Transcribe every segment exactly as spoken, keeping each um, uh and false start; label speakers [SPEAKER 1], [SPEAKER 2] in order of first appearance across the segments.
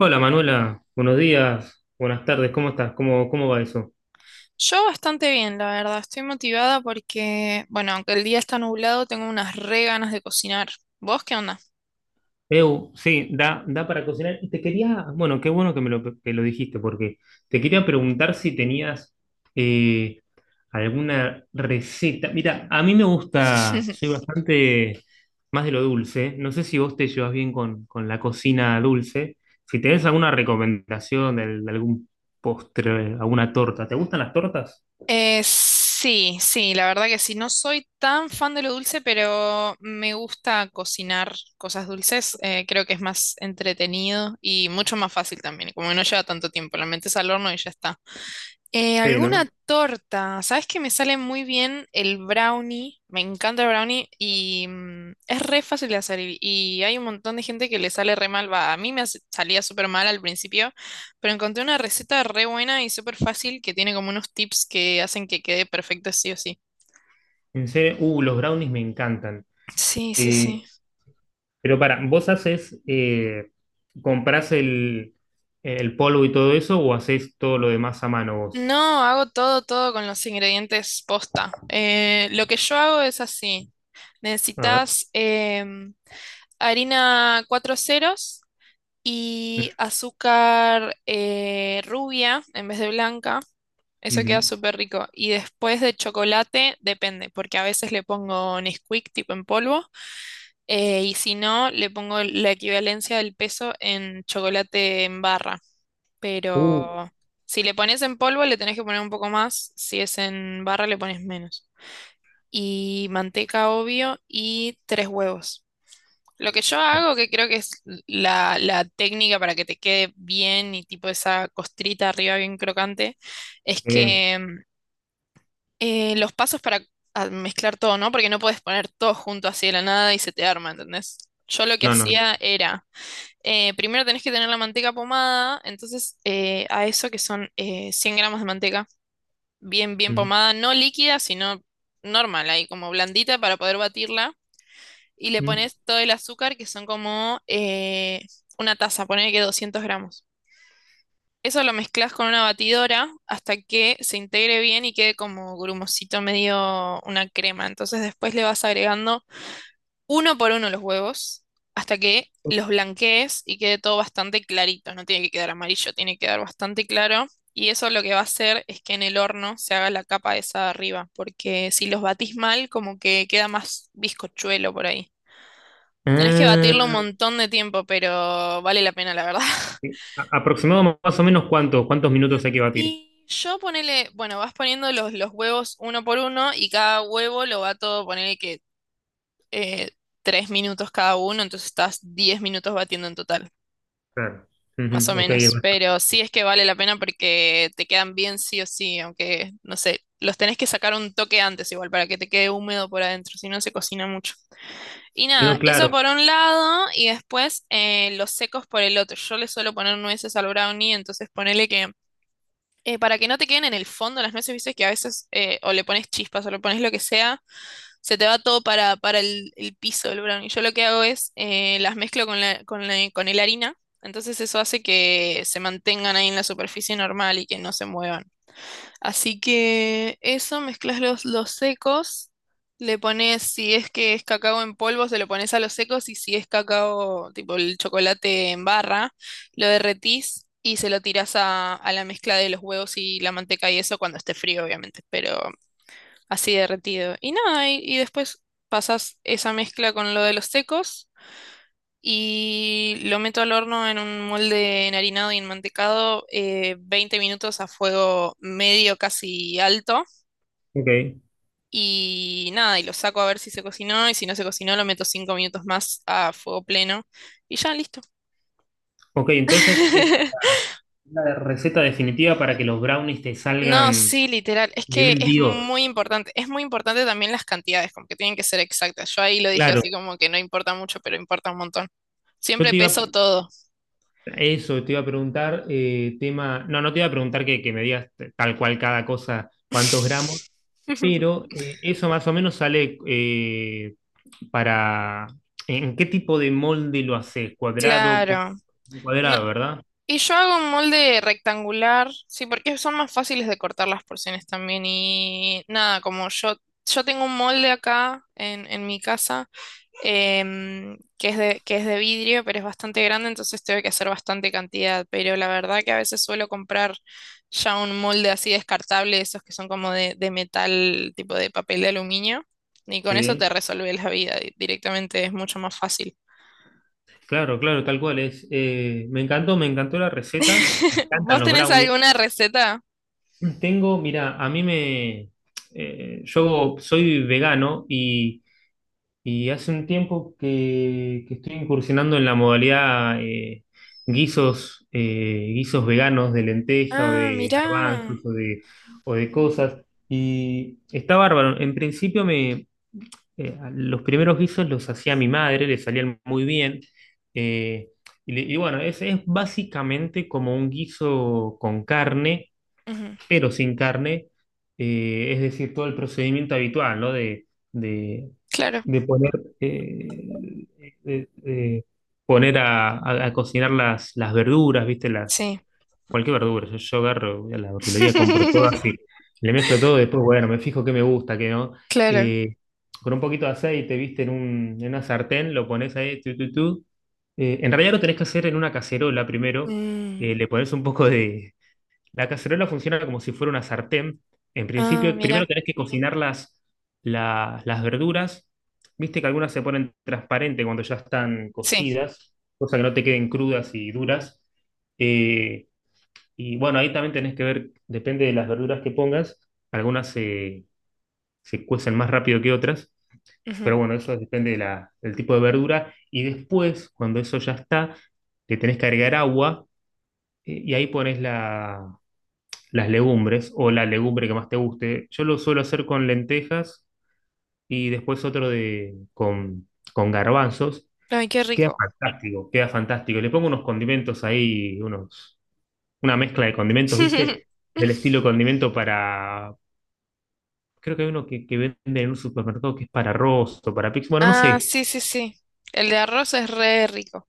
[SPEAKER 1] Hola Manuela, buenos días, buenas tardes, ¿cómo estás? ¿Cómo, cómo va eso?
[SPEAKER 2] Yo bastante bien, la verdad. Estoy motivada porque, bueno, aunque el día está nublado, tengo unas re ganas de cocinar. ¿Vos qué onda?
[SPEAKER 1] Eu, sí, da, da para cocinar. Y te quería, bueno, qué bueno que me lo, que lo dijiste, porque te quería preguntar si tenías eh, alguna receta. Mira, a mí me gusta, soy bastante más de lo dulce. No sé si vos te llevas bien con, con la cocina dulce. Si tenés alguna recomendación de, de algún postre, alguna torta. ¿Te gustan las tortas?
[SPEAKER 2] Eh, sí, sí, la verdad que sí. No soy tan fan de lo dulce, pero me gusta cocinar cosas dulces. Eh, creo que es más entretenido y mucho más fácil también. Como que no lleva tanto tiempo, la metes al horno y ya está. Eh,
[SPEAKER 1] Sí,
[SPEAKER 2] alguna
[SPEAKER 1] ¿no?
[SPEAKER 2] torta. Sabes que me sale muy bien el brownie. Me encanta el brownie y mm, es re fácil de hacer. Y, y hay un montón de gente que le sale re mal. Va, a mí me hace- salía súper mal al principio, pero encontré una receta re buena y súper fácil que tiene como unos tips que hacen que quede perfecto sí o sí.
[SPEAKER 1] En serio, uh, los brownies me encantan.
[SPEAKER 2] Sí, sí,
[SPEAKER 1] Eh,
[SPEAKER 2] sí.
[SPEAKER 1] pero para, ¿vos haces, eh, comprás el, el polvo y todo eso o haces todo lo demás a mano vos?
[SPEAKER 2] No, hago todo, todo con los ingredientes posta. Eh, lo que yo hago es así.
[SPEAKER 1] A ver.
[SPEAKER 2] Necesitas em, harina cuatro ceros. Y azúcar eh, rubia en vez de blanca. Eso queda
[SPEAKER 1] Ujú.
[SPEAKER 2] súper rico. Y después de chocolate, depende, porque a veces le pongo Nesquik tipo en polvo, eh, y si no, le pongo la equivalencia del peso en chocolate en barra.
[SPEAKER 1] Uh,
[SPEAKER 2] Pero si le pones en polvo, le tenés que poner un poco más, si es en barra, le pones menos. Y manteca, obvio, y tres huevos. Lo que yo hago, que creo que es la, la técnica para que te quede bien y tipo esa costrita arriba bien crocante, es
[SPEAKER 1] eh,
[SPEAKER 2] que mm, eh, los pasos para ah, mezclar todo, ¿no? Porque no puedes poner todo junto así de la nada y se te arma, ¿entendés? Yo lo que
[SPEAKER 1] no, no, no.
[SPEAKER 2] hacía era, eh, primero tenés que tener la manteca pomada, entonces eh, a eso que son eh, cien gramos de manteca, bien, bien
[SPEAKER 1] Mm,
[SPEAKER 2] pomada, no líquida, sino normal, ahí como blandita para poder batirla y le
[SPEAKER 1] mm.
[SPEAKER 2] pones todo el azúcar, que son como eh, una taza, ponele que doscientos gramos. Eso lo mezclas con una batidora hasta que se integre bien y quede como grumosito, medio una crema. Entonces después le vas agregando uno por uno los huevos hasta que los blanquees y quede todo bastante clarito. No tiene que quedar amarillo, tiene que quedar bastante claro. Y eso lo que va a hacer es que en el horno se haga la capa esa de arriba, porque si los batís mal, como que queda más bizcochuelo por ahí. Tenés que batirlo un
[SPEAKER 1] Ah,
[SPEAKER 2] montón de tiempo, pero vale la pena, la verdad.
[SPEAKER 1] sí. A- aproximado más o menos cuántos, cuántos
[SPEAKER 2] Mm.
[SPEAKER 1] minutos hay que batir.
[SPEAKER 2] Y yo ponele, bueno, vas poniendo los, los huevos uno por uno y cada huevo lo bato, ponele que eh, tres minutos cada uno, entonces estás diez minutos batiendo en total,
[SPEAKER 1] Claro.
[SPEAKER 2] más o
[SPEAKER 1] Ujú, ok, es
[SPEAKER 2] menos.
[SPEAKER 1] bastante.
[SPEAKER 2] Pero sí es que vale la pena porque te quedan bien sí o sí, aunque, no sé, los tenés que sacar un toque antes igual para que te quede húmedo por adentro, si no se cocina mucho. Y nada,
[SPEAKER 1] No,
[SPEAKER 2] eso
[SPEAKER 1] claro.
[SPEAKER 2] por un lado y después eh, los secos por el otro. Yo le suelo poner nueces al brownie, entonces ponele que eh, para que no te queden en el fondo las nueces, viste que a veces eh, o le pones chispas o le pones lo que sea, se te va todo para, para el, el piso del brownie. Yo lo que hago es eh, las mezclo con la, con la, con el harina, entonces eso hace que se mantengan ahí en la superficie normal y que no se muevan. Así que eso, mezclas los, los secos, le pones, si es que es cacao en polvo, se lo pones a los secos y si es cacao, tipo el chocolate en barra, lo derretís y se lo tirás a, a la mezcla de los huevos y la manteca y eso cuando esté frío, obviamente, pero así derretido. Y nada, y, y después pasas esa mezcla con lo de los secos. Y lo meto al horno en un molde enharinado y enmantecado eh, veinte minutos a fuego medio casi alto.
[SPEAKER 1] Ok.
[SPEAKER 2] Y nada, y lo saco a ver si se cocinó y si no se cocinó lo meto cinco minutos más a fuego pleno y ya listo.
[SPEAKER 1] Ok, entonces es la, la receta definitiva para que los brownies te
[SPEAKER 2] No,
[SPEAKER 1] salgan
[SPEAKER 2] sí, literal, es que
[SPEAKER 1] nivel
[SPEAKER 2] es
[SPEAKER 1] Dios.
[SPEAKER 2] muy importante, es muy importante también las cantidades, como que tienen que ser exactas. Yo ahí lo dije así
[SPEAKER 1] Claro.
[SPEAKER 2] como que no importa mucho, pero importa un montón.
[SPEAKER 1] Yo
[SPEAKER 2] Siempre
[SPEAKER 1] te iba
[SPEAKER 2] peso todo.
[SPEAKER 1] Eso te iba a preguntar, eh, tema, no, no te iba a preguntar que, que me digas tal cual cada cosa, cuántos gramos, pero eh, eso más o menos sale eh, para, ¿en qué tipo de molde lo haces? Cuadrado, con-
[SPEAKER 2] Claro. No,
[SPEAKER 1] cuadrado, ¿verdad?
[SPEAKER 2] y yo hago un molde rectangular, sí, porque son más fáciles de cortar las porciones también. Y nada, como yo, yo tengo un molde acá en, en mi casa, em, que es de, que es de vidrio, pero es bastante grande, entonces tengo que hacer bastante cantidad. Pero la verdad que a veces suelo comprar ya un molde así descartable, esos que son como de, de metal, tipo de papel de aluminio. Y con eso te
[SPEAKER 1] Sí,
[SPEAKER 2] resuelve la vida di- directamente, es mucho más fácil.
[SPEAKER 1] claro, claro, tal cual es. Eh, me encantó, me encantó la receta, me encantan
[SPEAKER 2] ¿Vos
[SPEAKER 1] los
[SPEAKER 2] tenés
[SPEAKER 1] brownies.
[SPEAKER 2] alguna receta?
[SPEAKER 1] Tengo, mira, a mí me, eh, yo soy vegano y Y hace un tiempo que, que estoy incursionando en la modalidad eh, guisos, eh, guisos veganos de lenteja o
[SPEAKER 2] Ah,
[SPEAKER 1] de
[SPEAKER 2] mira.
[SPEAKER 1] garbanzos o de, o de cosas. Y está bárbaro. En principio me, eh, los primeros guisos los hacía mi madre, le salían muy bien. eh, y, le- y bueno, es, es básicamente como un guiso con carne
[SPEAKER 2] Ujú,
[SPEAKER 1] pero sin carne, eh, es decir, todo el procedimiento habitual, ¿no? De, de,
[SPEAKER 2] claro,
[SPEAKER 1] de poner, eh, de- de poner a, a- a cocinar las, las verduras, ¿viste? Las,
[SPEAKER 2] sí.
[SPEAKER 1] cualquier verdura. Yo, yo agarro, voy a la verdulería, compro todo así, le mezclo todo, después, bueno, me fijo qué me gusta, qué no.
[SPEAKER 2] Claro.
[SPEAKER 1] Eh, con un poquito de aceite, ¿viste? En, un- en una sartén, lo pones ahí, tu, tu, tu. Eh, en realidad lo tenés que hacer en una cacerola primero,
[SPEAKER 2] Mm.
[SPEAKER 1] eh, le pones un poco de, la cacerola funciona como si fuera una sartén. En
[SPEAKER 2] Ah,
[SPEAKER 1] principio,
[SPEAKER 2] mira.
[SPEAKER 1] primero tenés que cocinar las, la- las verduras. Viste que algunas se ponen transparente cuando ya están
[SPEAKER 2] Sí.
[SPEAKER 1] cocidas, cosa que no te queden crudas y duras. Eh, y bueno, ahí también tenés que ver, depende de las verduras que pongas, algunas se, se cuecen más rápido que otras,
[SPEAKER 2] Ujú.
[SPEAKER 1] pero bueno, eso depende de la- del tipo de verdura. Y después, cuando eso ya está, le tenés que agregar agua, eh, y ahí pones la, las legumbres o la legumbre que más te guste. Yo lo suelo hacer con lentejas y después otro de, con, con garbanzos.
[SPEAKER 2] Ay, qué
[SPEAKER 1] Queda
[SPEAKER 2] rico.
[SPEAKER 1] fantástico, queda fantástico. Le pongo unos condimentos ahí, unos, una mezcla de condimentos, ¿viste? Del estilo condimento para… Creo que hay uno que, que venden en un supermercado que es para arroz o para pizza. Bueno, no
[SPEAKER 2] Ah,
[SPEAKER 1] sé,
[SPEAKER 2] sí, sí, sí. El de arroz es re rico.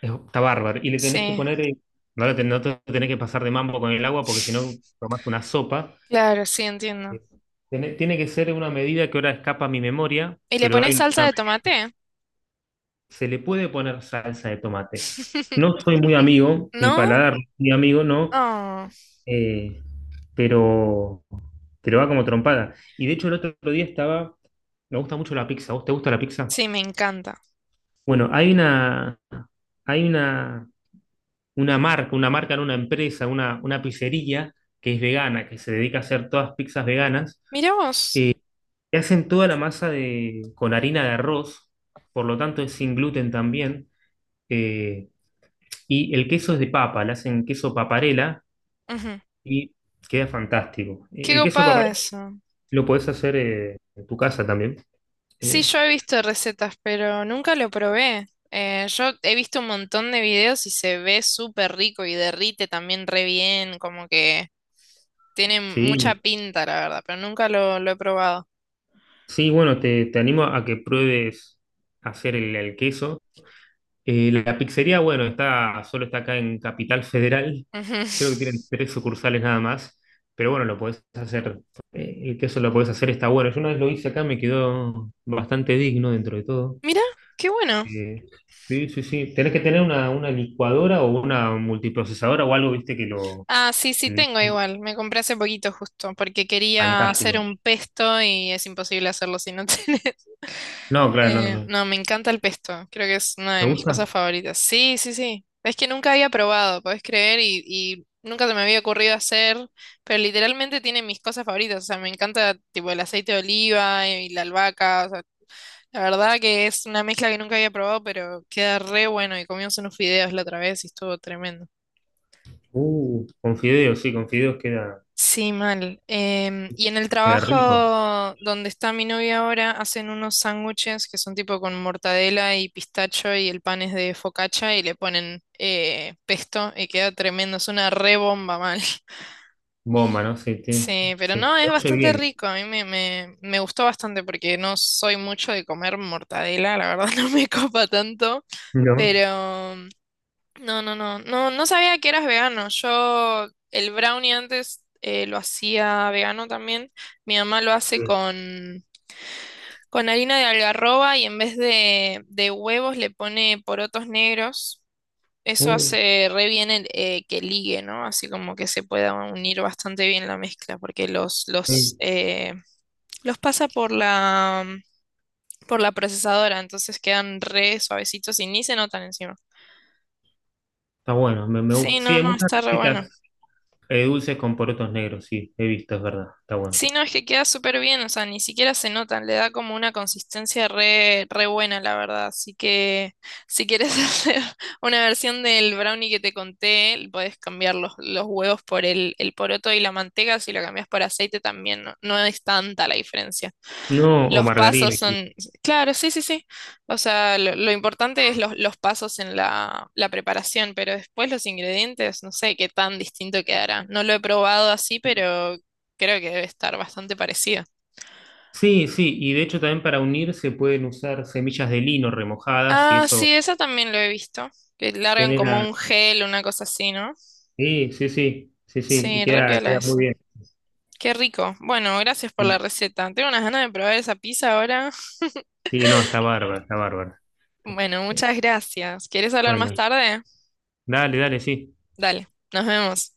[SPEAKER 1] es- está bárbaro. Y le tenés que
[SPEAKER 2] Sí.
[SPEAKER 1] poner… eh, No, lo ten- no te tenés que pasar de mambo con el agua porque si no tomás una sopa.
[SPEAKER 2] Claro, sí, entiendo.
[SPEAKER 1] Eh, Tiene, tiene que ser una medida que ahora escapa a mi memoria,
[SPEAKER 2] ¿Y le
[SPEAKER 1] pero hay
[SPEAKER 2] pones
[SPEAKER 1] una,
[SPEAKER 2] salsa de tomate?
[SPEAKER 1] se le puede poner salsa de tomate. No soy muy amigo, mi
[SPEAKER 2] ¿No?
[SPEAKER 1] paladar no es muy amigo, no,
[SPEAKER 2] Oh,
[SPEAKER 1] eh, pero, pero va como trompada. Y de hecho el otro día estaba, me gusta mucho la pizza, ¿vos te gusta la pizza?
[SPEAKER 2] sí, me encanta.
[SPEAKER 1] Bueno, hay una, hay una, una marca, una marca en una empresa, una, una pizzería que es vegana, que se dedica a hacer todas pizzas veganas,
[SPEAKER 2] Mira vos.
[SPEAKER 1] que hacen toda la masa de, con harina de arroz, por lo tanto es sin gluten también, eh, y el queso es de papa, le hacen queso paparela
[SPEAKER 2] Ujú.
[SPEAKER 1] y queda fantástico. Eh,
[SPEAKER 2] Qué
[SPEAKER 1] El queso
[SPEAKER 2] copado
[SPEAKER 1] paparela
[SPEAKER 2] eso.
[SPEAKER 1] lo podés hacer eh, en tu casa también.
[SPEAKER 2] Sí,
[SPEAKER 1] Eh,
[SPEAKER 2] yo he visto recetas, pero nunca lo probé. Eh, yo he visto un montón de videos y se ve súper rico y derrite también re bien, como que tiene mucha
[SPEAKER 1] sí,
[SPEAKER 2] pinta, la verdad, pero nunca lo, lo he probado.
[SPEAKER 1] sí, bueno, te, te animo a que pruebes hacer el, el queso. Eh, la pizzería, bueno, está, solo está acá en Capital Federal.
[SPEAKER 2] Ujú.
[SPEAKER 1] Creo que tienen tres sucursales nada más. Pero bueno, lo podés hacer. Eh, el queso lo podés hacer, está bueno. Yo una vez lo hice acá, me quedó bastante digno dentro de todo.
[SPEAKER 2] Mira, qué bueno.
[SPEAKER 1] Eh, sí, sí, sí. Tenés que tener una, una licuadora o una multiprocesadora o algo, viste, que lo.
[SPEAKER 2] Ah, sí, sí, tengo igual. Me compré hace poquito justo porque quería
[SPEAKER 1] Fantástico.
[SPEAKER 2] hacer un pesto y es imposible hacerlo si no tenés.
[SPEAKER 1] No, claro, no,
[SPEAKER 2] Eh,
[SPEAKER 1] no.
[SPEAKER 2] no, me encanta el pesto. Creo que es una
[SPEAKER 1] ¿Te
[SPEAKER 2] de mis
[SPEAKER 1] gusta?
[SPEAKER 2] cosas favoritas. Sí, sí, sí. Es que nunca había probado, podés creer, y, y nunca se me había ocurrido hacer, pero literalmente tiene mis cosas favoritas. O sea, me encanta tipo el aceite de oliva eh, y la albahaca. O sea, la verdad que es una mezcla que nunca había probado, pero queda re bueno. Y comimos unos fideos la otra vez y estuvo tremendo.
[SPEAKER 1] Uh, con fideos, sí, con fideos queda,
[SPEAKER 2] Sí, mal. Em, y en el
[SPEAKER 1] queda
[SPEAKER 2] trabajo
[SPEAKER 1] rico.
[SPEAKER 2] donde está mi novia ahora, hacen unos sándwiches que son tipo con mortadela y pistacho y el pan es de focaccia y le ponen eh, pesto y queda tremendo. Es una re bomba mal.
[SPEAKER 1] Bomba, ¿no? Sí, sí,
[SPEAKER 2] Sí, pero
[SPEAKER 1] sí.
[SPEAKER 2] no, es
[SPEAKER 1] Se oye
[SPEAKER 2] bastante
[SPEAKER 1] bien,
[SPEAKER 2] rico. A mí me, me, me gustó bastante porque no soy mucho de comer mortadela, la verdad no me copa tanto,
[SPEAKER 1] ¿no?
[SPEAKER 2] pero no, no, no, no, no sabía que eras vegano. Yo el brownie antes eh, lo hacía vegano también. Mi mamá lo
[SPEAKER 1] Sí.
[SPEAKER 2] hace con, con harina de algarroba y en vez de, de huevos le pone porotos negros. Eso
[SPEAKER 1] Uh,
[SPEAKER 2] hace re bien el, eh, que ligue, ¿no? Así como que se pueda unir bastante bien la mezcla porque los, los,
[SPEAKER 1] sí,
[SPEAKER 2] eh, los pasa por la, por la procesadora, entonces quedan re suavecitos y ni se notan encima.
[SPEAKER 1] está bueno, me, me
[SPEAKER 2] Sí,
[SPEAKER 1] gusta. Sí,
[SPEAKER 2] no,
[SPEAKER 1] hay
[SPEAKER 2] no,
[SPEAKER 1] muchas
[SPEAKER 2] está re bueno.
[SPEAKER 1] recetas eh, dulces con porotos negros, sí, he visto, es verdad, está bueno.
[SPEAKER 2] Sí, no, es que queda súper bien, o sea, ni siquiera se notan, le da como una consistencia re, re buena, la verdad. Así que si quieres hacer una versión del brownie que te conté, puedes cambiar los, los huevos por el, el poroto y la manteca, si lo cambias por aceite también, no, no es tanta la diferencia.
[SPEAKER 1] No, o
[SPEAKER 2] Los pasos
[SPEAKER 1] margarina incluso.
[SPEAKER 2] son, claro, sí, sí, sí. O sea, lo, lo importante es los, los pasos en la, la preparación, pero después los ingredientes, no sé qué tan distinto quedará. No lo he probado así, pero creo que debe estar bastante parecido.
[SPEAKER 1] Sí, sí, y de hecho también para unir se pueden usar semillas de lino remojadas y
[SPEAKER 2] Ah,
[SPEAKER 1] eso
[SPEAKER 2] sí, esa también lo he visto. Que largan como
[SPEAKER 1] genera…
[SPEAKER 2] un gel, una cosa así, ¿no?
[SPEAKER 1] Sí, sí, sí, sí, sí, y
[SPEAKER 2] Sí, re
[SPEAKER 1] queda,
[SPEAKER 2] piola
[SPEAKER 1] queda muy
[SPEAKER 2] eso.
[SPEAKER 1] bien.
[SPEAKER 2] Qué rico. Bueno, gracias por
[SPEAKER 1] Sí,
[SPEAKER 2] la receta. Tengo unas ganas de probar esa pizza ahora.
[SPEAKER 1] sí, no, está bárbaro, está bárbaro.
[SPEAKER 2] Bueno,
[SPEAKER 1] Eh,
[SPEAKER 2] muchas gracias. ¿Quieres hablar más
[SPEAKER 1] Bueno,
[SPEAKER 2] tarde?
[SPEAKER 1] dale, dale, sí.
[SPEAKER 2] Dale, nos vemos.